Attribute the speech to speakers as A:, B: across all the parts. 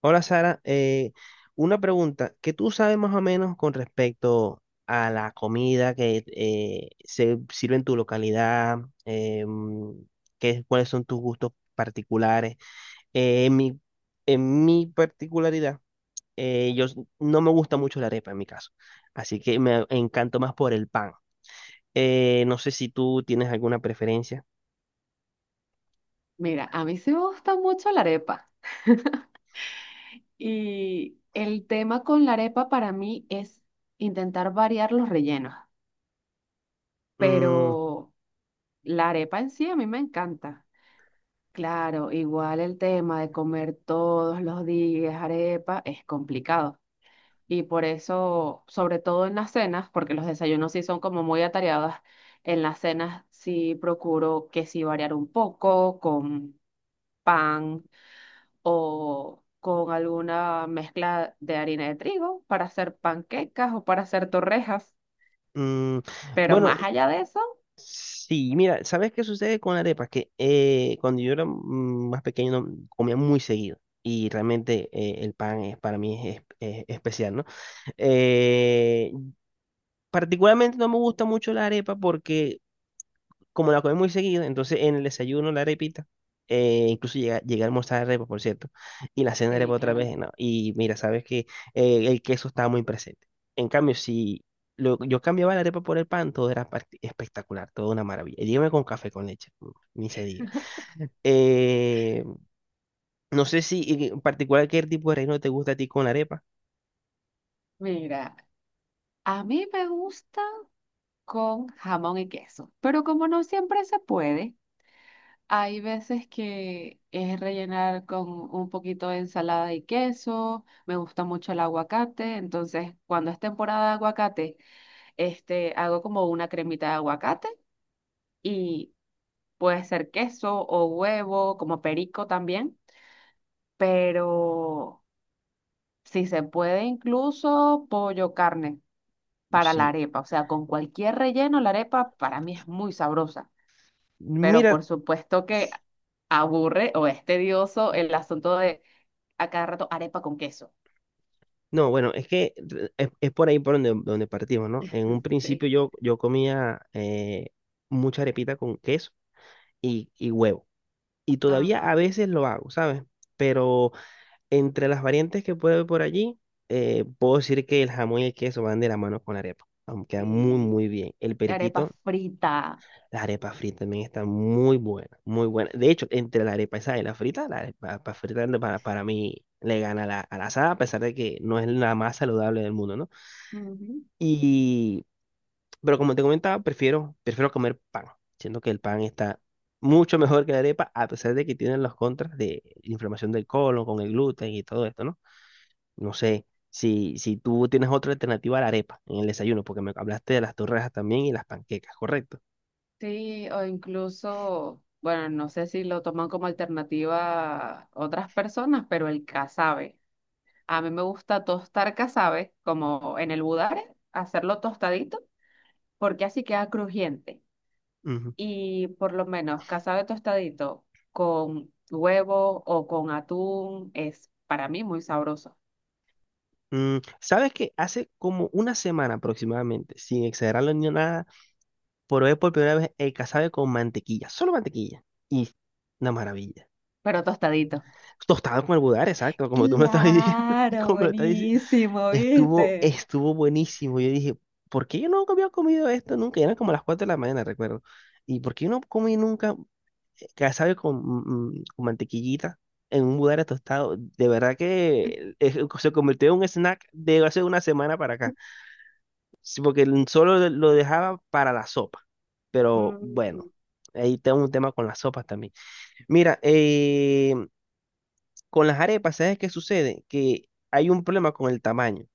A: Hola Sara, una pregunta, ¿qué tú sabes más o menos con respecto a la comida que se sirve en tu localidad? Eh, mm, ¿ cuáles son tus gustos particulares? Eh, en mi, en mi particularidad, no me gusta mucho la arepa en mi caso, así que me encanto más por el pan. No sé si tú tienes alguna preferencia.
B: Mira, a mí sí me gusta mucho la arepa y el tema con la arepa para mí es intentar variar los rellenos,
A: Mm,
B: pero la arepa en sí a mí me encanta. Claro, igual el tema de comer todos los días arepa es complicado y por eso, sobre todo en las cenas, porque los desayunos sí son como muy atareados, en las cenas sí procuro que sí variar un poco con pan o con alguna mezcla de harina de trigo para hacer panquecas o para hacer torrejas.
A: mm,
B: Pero
A: bueno,
B: más allá de eso,
A: sí, mira, ¿sabes qué sucede con la arepa? Que cuando yo era más pequeño no, comía muy seguido y realmente el pan es, para mí es especial, ¿no? Eh, particularmente no me gusta mucho la arepa porque como la comí muy seguido, entonces en el desayuno la arepita, incluso llegué a almorzar arepa, por cierto, y la cena arepa
B: sí,
A: otra
B: claro.
A: vez, no, y mira, sabes que el queso estaba muy presente. En cambio, si yo cambiaba la arepa por el pan, todo era espectacular, todo una maravilla. Y dígame con café con leche, ni se diga. Eh, no sé si en particular qué tipo de relleno te gusta a ti con la arepa.
B: Mira, a mí me gusta con jamón y queso, pero como no siempre se puede, hay veces que es rellenar con un poquito de ensalada y queso. Me gusta mucho el aguacate, entonces cuando es temporada de aguacate, este, hago como una cremita de aguacate y puede ser queso o huevo, como perico también, pero si se puede incluso pollo carne para la
A: Sí.
B: arepa, o sea, con cualquier relleno la arepa para mí es muy sabrosa, pero
A: Mira,
B: por supuesto que aburre o es tedioso el asunto de a cada rato arepa con queso.
A: no, bueno, es que es por ahí por donde, donde partimos, ¿no? En un
B: Sí.
A: principio yo comía mucha arepita con queso y huevo. Y todavía
B: Ajá.
A: a veces lo hago, ¿sabes? Pero entre las variantes que puedo ver por allí, puedo decir que el jamón y el queso van de la mano con la arepa. Aunque queda muy,
B: Sí.
A: muy bien. El
B: Arepa
A: periquito,
B: frita.
A: la arepa frita también está muy buena, muy buena. De hecho, entre la arepa esa y la frita, la arepa frita para mí le gana a a la asada, a pesar de que no es la más saludable del mundo, ¿no? Y, pero como te comentaba, prefiero comer pan. Siento que el pan está mucho mejor que la arepa, a pesar de que tienen los contras de inflamación del colon con el gluten y todo esto, ¿no? No sé si tú tienes otra alternativa a la arepa en el desayuno, porque me hablaste de las torrejas también y las panquecas, ¿correcto?
B: Sí, o incluso, bueno, no sé si lo toman como alternativa otras personas, pero el casabe. A mí me gusta tostar casabe, como en el budare, hacerlo tostadito, porque así queda crujiente.
A: Ujú.
B: Y por lo menos casabe tostadito con huevo o con atún es para mí muy sabroso,
A: Mm, ¿sabes que hace como una semana aproximadamente, sin exagerarlo ni nada, probé por primera vez el casabe con mantequilla, solo mantequilla? Y una maravilla.
B: pero tostadito.
A: Tostado con el budar, exacto, como tú me estás diciendo,
B: Claro,
A: como me lo estás diciendo,
B: buenísimo,
A: estuvo,
B: ¿viste?
A: estuvo buenísimo. Yo dije, ¿por qué yo no había comido esto nunca? Y eran como las 4 de la mañana, recuerdo. ¿Y por qué yo no comí nunca casabe con, con mantequillita en un budare tostado? De verdad que se convirtió en un snack de hace una semana para acá. Sí, porque solo lo dejaba para la sopa. Pero bueno,
B: Mm.
A: ahí tengo un tema con las sopas también. Mira, con las arepas, ¿sabes qué sucede? Que hay un problema con el tamaño.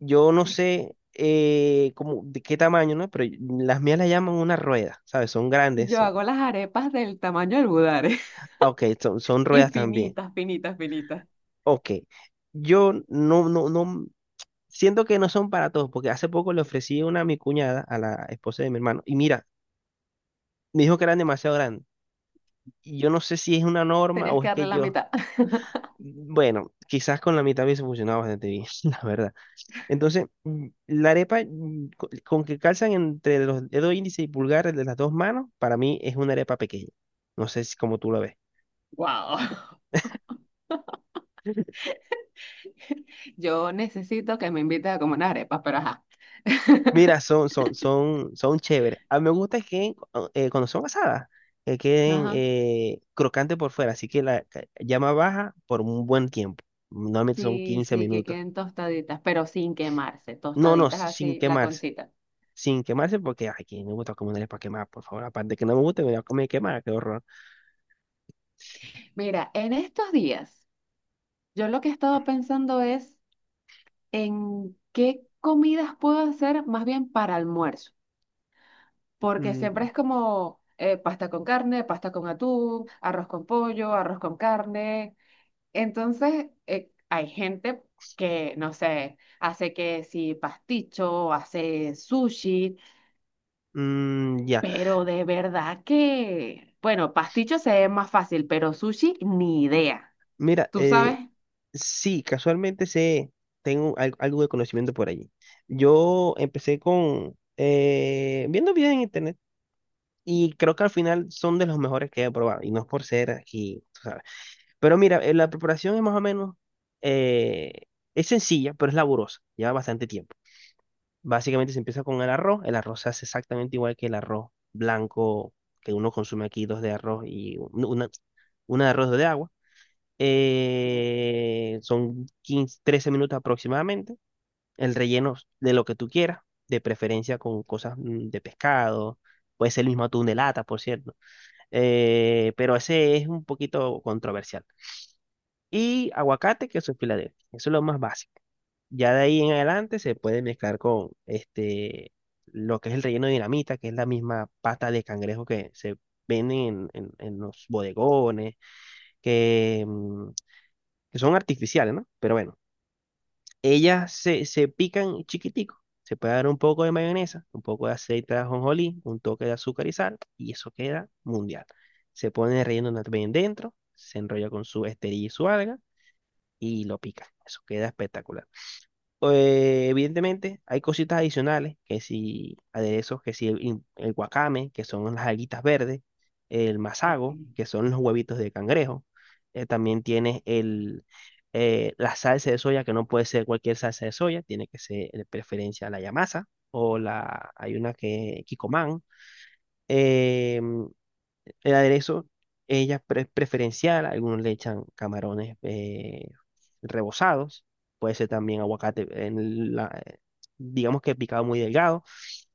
A: Yo no sé cómo, de qué tamaño, ¿no? Pero las mías las llaman una rueda, ¿sabes? Son grandes.
B: Yo
A: Son,
B: hago las arepas del tamaño del budare.
A: ah, ok, son, son
B: Y
A: ruedas también.
B: finitas, finitas, finitas.
A: Ok. Yo no siento que no son para todos, porque hace poco le ofrecí una a mi cuñada, a la esposa de mi hermano, y mira, me dijo que eran demasiado grandes. Y yo no sé si es una norma
B: Tenías
A: o
B: que
A: es
B: darle
A: que
B: la
A: yo,
B: mitad.
A: bueno, quizás con la mitad hubiese funcionado bastante bien, la verdad. Entonces, la arepa con que calzan entre los dedos índice y pulgar de las dos manos, para mí es una arepa pequeña. No sé si como tú lo ves.
B: Wow. Yo necesito que me invites a comer unas arepas, pero ajá.
A: Mira, son chéveres. A mí me gusta que cuando son asadas, que queden
B: Ajá.
A: crocantes por fuera, así que la llama baja por un buen tiempo. Normalmente son
B: Sí,
A: 15
B: sí, que
A: minutos.
B: queden tostaditas, pero sin quemarse,
A: No, no,
B: tostaditas
A: sin
B: así, la
A: quemarse.
B: concita.
A: Sin quemarse porque ay, que no me gusta comer una arepa quemada, por favor. Aparte que no me gusta, me voy a comer quemada, qué horror.
B: Mira, en estos días, yo lo que he estado pensando es en qué comidas puedo hacer más bien para almuerzo, porque siempre
A: Mm,
B: es como pasta con carne, pasta con atún, arroz con pollo, arroz con carne. Entonces, hay gente que, no sé, hace que si pasticho, hace sushi,
A: ya.
B: pero de verdad que, bueno, pasticho se ve más fácil, pero sushi ni idea.
A: Mira,
B: ¿Tú sabes?
A: sí, casualmente sé, tengo algo de conocimiento por allí. Yo empecé con viendo videos en internet y creo que al final son de los mejores que he probado y no es por ser aquí, tú sabes. Pero mira, la preparación es más o menos, eh, es sencilla, pero es laburosa, lleva bastante tiempo. Básicamente se empieza con el arroz se hace exactamente igual que el arroz blanco que uno consume aquí, dos de arroz y una de arroz de agua,
B: Ok,
A: son 15, 13 minutos aproximadamente. El relleno de lo que tú quieras, de preferencia con cosas de pescado. Puede ser el mismo atún de lata, por cierto. Pero ese es un poquito controversial. Y aguacate, queso en Filadelfia. Eso es lo más básico. Ya de ahí en adelante se puede mezclar con este, lo que es el relleno de dinamita, que es la misma pata de cangrejo que se venden en los bodegones, que, mm, que son artificiales, ¿no? Pero bueno. Ellas se pican chiquitico. Se puede dar un poco de mayonesa, un poco de aceite de ajonjolí, un toque de azúcar y sal, y eso queda mundial. Se pone el relleno también dentro, se enrolla con su esterilla y su alga, y lo pican. Eso queda espectacular. Evidentemente, hay cositas adicionales, que si aderezos, que si el guacame, que son las alguitas verdes, el
B: ok.
A: masago, que son los huevitos de cangrejo. También tienes la salsa de soya, que no puede ser cualquier salsa de soya, tiene que ser de preferencia la yamasa o la, hay una que es Kikkoman. El aderezo, preferencial, algunos le echan camarones rebozados, puede ser también aguacate, en digamos que picado muy delgado,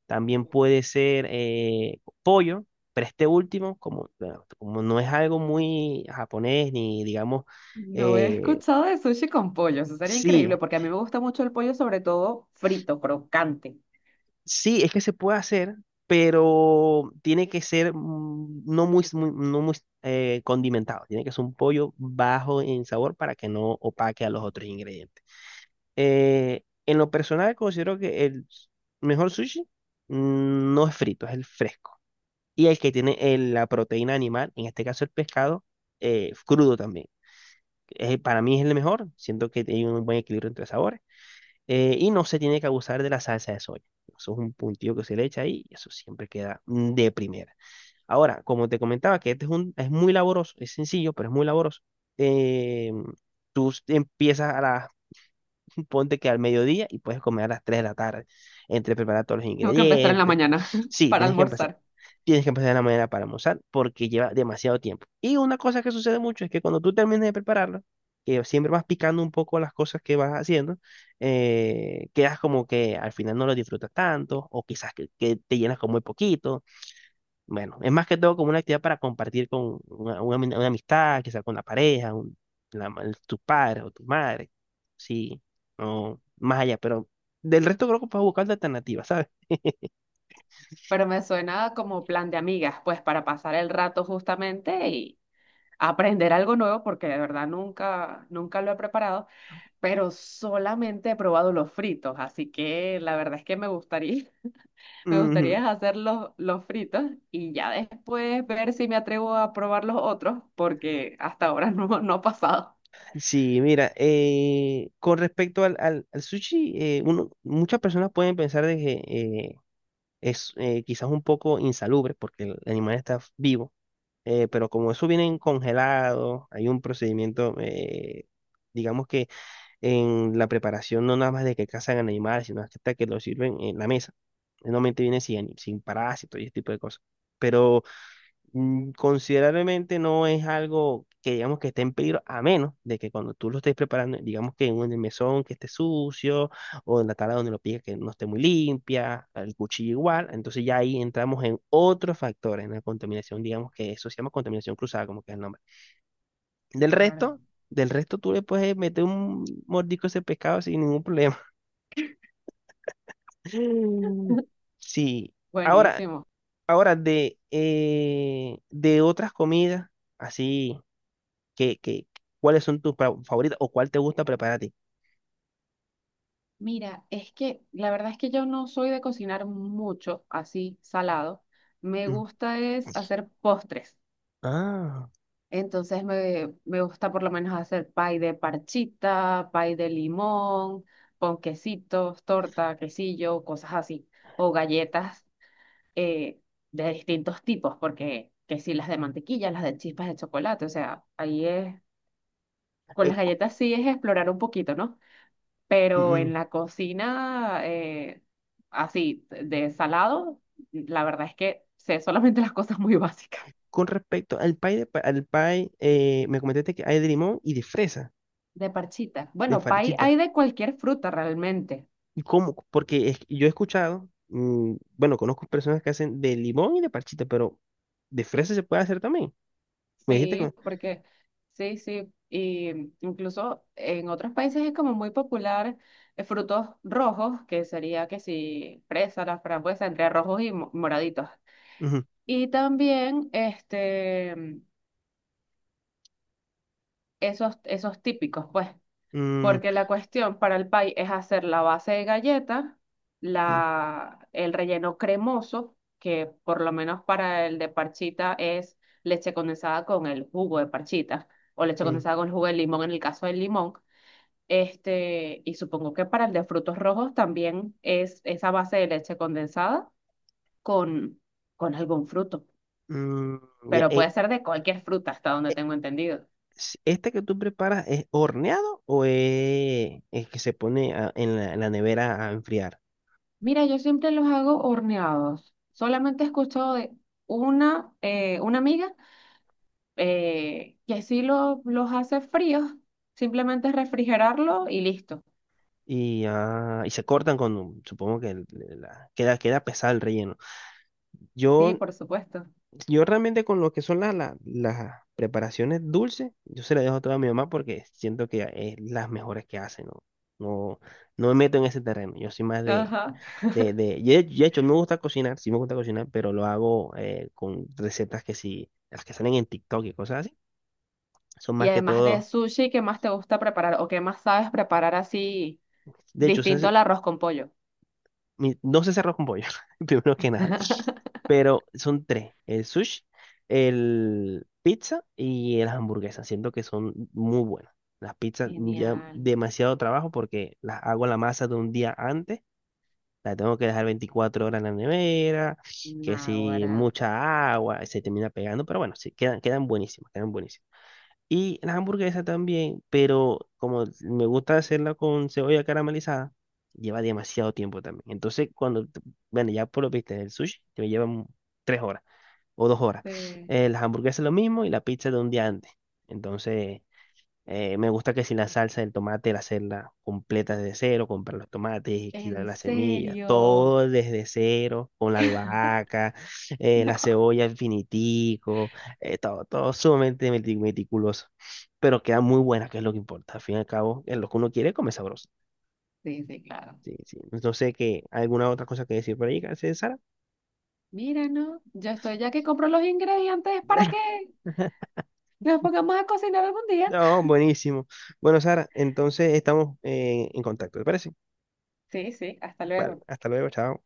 A: también puede ser pollo, pero este último, como, bueno, como no es algo muy japonés, ni digamos,
B: No he
A: eh,
B: escuchado de sushi con pollo, eso sería
A: sí,
B: increíble porque a mí me gusta mucho el pollo, sobre todo frito, crocante.
A: sí, es que se puede hacer, pero tiene que ser no muy condimentado. Tiene que ser un pollo bajo en sabor para que no opaque a los otros ingredientes. En lo personal, considero que mejor sushi no es frito, es el fresco. Y el que tiene la proteína animal, en este caso el pescado, crudo también. Para mí es el mejor. Siento que hay un buen equilibrio entre sabores. Y no se tiene que abusar de la salsa de soya. Eso es un puntillo que se le echa ahí y eso siempre queda de primera. Ahora, como te comentaba, que este es muy laboroso, es sencillo, pero es muy laboroso. eh, tú empiezas a ponte que al mediodía y puedes comer a las 3 de la tarde, entre preparar todos los
B: Tengo que empezar en la
A: ingredientes.
B: mañana
A: Sí,
B: para
A: tienes que empezar,
B: almorzar,
A: tienes que empezar de la mañana para almorzar porque lleva demasiado tiempo. Y una cosa que sucede mucho es que cuando tú termines de prepararlo, que siempre vas picando un poco las cosas que vas haciendo, quedas como que al final no lo disfrutas tanto o quizás que te llenas con muy poquito. Bueno, es más que todo como una actividad para compartir con una amistad, quizás con la pareja, tus padres o tu madre, sí, o más allá, pero del resto creo que puedes buscar alternativas, ¿sabes?
B: pero me suena como plan de amigas, pues para pasar el rato justamente aprender algo nuevo porque de verdad nunca, nunca lo he preparado, pero solamente he probado los fritos, así que la verdad es que me gustaría, me
A: Ujú.
B: gustaría hacer los fritos y ya después ver si me atrevo a probar los otros porque hasta ahora no, no ha pasado.
A: Sí, mira, con respecto al sushi, uno, muchas personas pueden pensar de que es quizás un poco insalubre porque el animal está vivo, pero como eso viene congelado, hay un procedimiento, digamos que en la preparación no nada más de que cazan al animal, sino hasta que lo sirven en la mesa. Normalmente viene sin parásitos y ese tipo de cosas. Pero considerablemente no es algo que digamos que esté en peligro, a menos de que cuando tú lo estés preparando, digamos que en un mesón que esté sucio, o en la tabla donde lo piques que no esté muy limpia, el cuchillo igual, entonces ya ahí entramos en otros factores, en la contaminación, digamos que eso se llama contaminación cruzada, como que es el nombre. Del
B: Claro.
A: resto, del resto tú le puedes meter un mordisco a ese pescado sin ningún problema. Sí. Ahora,
B: Buenísimo.
A: de otras comidas, así. ¿Qué, qué, ¿cuáles son tus favoritas o cuál te gusta preparar a ti?
B: Mira, es que la verdad es que yo no soy de cocinar mucho así salado. Me
A: Mm,
B: gusta es hacer postres.
A: ah,
B: Entonces me gusta por lo menos hacer pay de parchita, pay de limón, con quesitos, torta, quesillo, cosas así. O galletas eh, de distintos tipos, porque que si las de mantequilla, las de chispas de chocolate, o sea, ahí es, con
A: eh,
B: las
A: co-
B: galletas sí es explorar un poquito, ¿no?
A: mm,
B: Pero
A: mm,
B: en la cocina, así, de salado, la verdad es que sé solamente las cosas muy básicas.
A: con respecto al pie, al pie, me comentaste que hay de limón y de fresa,
B: De parchita.
A: de
B: Bueno, pay
A: farchita.
B: hay de cualquier fruta realmente.
A: ¿Y cómo? Porque yo he escuchado, mm, bueno, conozco personas que hacen de limón y de parchita, pero de fresa se puede hacer también. Me dijiste
B: Sí,
A: que...
B: porque sí, sí, y incluso en otros países es como muy popular frutos rojos, que sería que si fresa, la frambuesa, entre rojos y moraditos.
A: Ujú,
B: Y también este, esos, esos típicos, pues.
A: mm,
B: Porque la cuestión para el pie es hacer la base de galleta,
A: mm,
B: la, el relleno cremoso, que por lo menos para el de parchita es leche condensada con el jugo de parchita, o leche
A: mm,
B: condensada con el jugo de limón en el caso del limón. Este, y supongo que para el de frutos rojos también es esa base de leche condensada con, con algún fruto,
A: mm, ya,
B: pero puede ser de cualquier fruta, hasta donde
A: eh,
B: tengo entendido.
A: ¿este que tú preparas es horneado o es que se pone en en la nevera a enfriar?
B: Mira, yo siempre los hago horneados. Solamente he escuchado de una amiga que los hace fríos, simplemente es refrigerarlo y listo.
A: Y, ah, y se cortan con, supongo que queda, queda pesado el relleno.
B: Sí,
A: Yo,
B: por supuesto.
A: yo realmente con lo que son las preparaciones dulces, yo se las dejo todas a mi mamá porque siento que es las mejores que hace, ¿no? No, no me meto en ese terreno. Yo soy más
B: Ajá.
A: de hecho me gusta cocinar, sí me gusta cocinar, pero lo hago con recetas que sí, las que salen en TikTok y cosas así. Son
B: Y
A: más que
B: además de
A: todo.
B: sushi, ¿qué más te gusta preparar o qué más sabes preparar así
A: De hecho,
B: distinto
A: ¿sabes,
B: al arroz con pollo?
A: no se cerró con pollo, primero que nada? Pero son tres, el sushi, el pizza y las hamburguesas. Siento que son muy buenas. Las pizzas ya
B: Genial.
A: demasiado trabajo porque las hago la masa de un día antes. La tengo que dejar 24 horas en la nevera, que si
B: Naguará.
A: mucha agua, se termina pegando, pero bueno, sí, quedan, quedan buenísimas, quedan buenísimas. Y la hamburguesa también, pero como me gusta hacerla con cebolla caramelizada, lleva demasiado tiempo también. Entonces, bueno, ya por lo viste, el sushi te me lleva 3 horas o 2 horas.
B: Sí.
A: Las hamburguesas lo mismo y la pizza de un día antes. Entonces, me gusta que si la salsa del tomate, la hacerla completa desde cero, comprar los tomates, quitar
B: ¿En
A: las semillas,
B: serio?
A: todo desde cero, con la albahaca, la
B: No.
A: cebolla infinitico, todo, todo sumamente meticuloso. Pero queda muy buena, que es lo que importa. Al fin y al cabo, es lo que uno quiere, come sabroso.
B: Sí, sí, claro.
A: Sí, sí. No sé qué, alguna otra cosa que decir por ahí, ¿sí, Sara?
B: Mira, ¿no? Yo estoy ya que compro los ingredientes para que nos pongamos a cocinar algún día.
A: No, buenísimo. Bueno, Sara, entonces estamos en contacto, ¿te parece?
B: Sí, sí, hasta
A: Vale,
B: luego.
A: hasta luego, chao.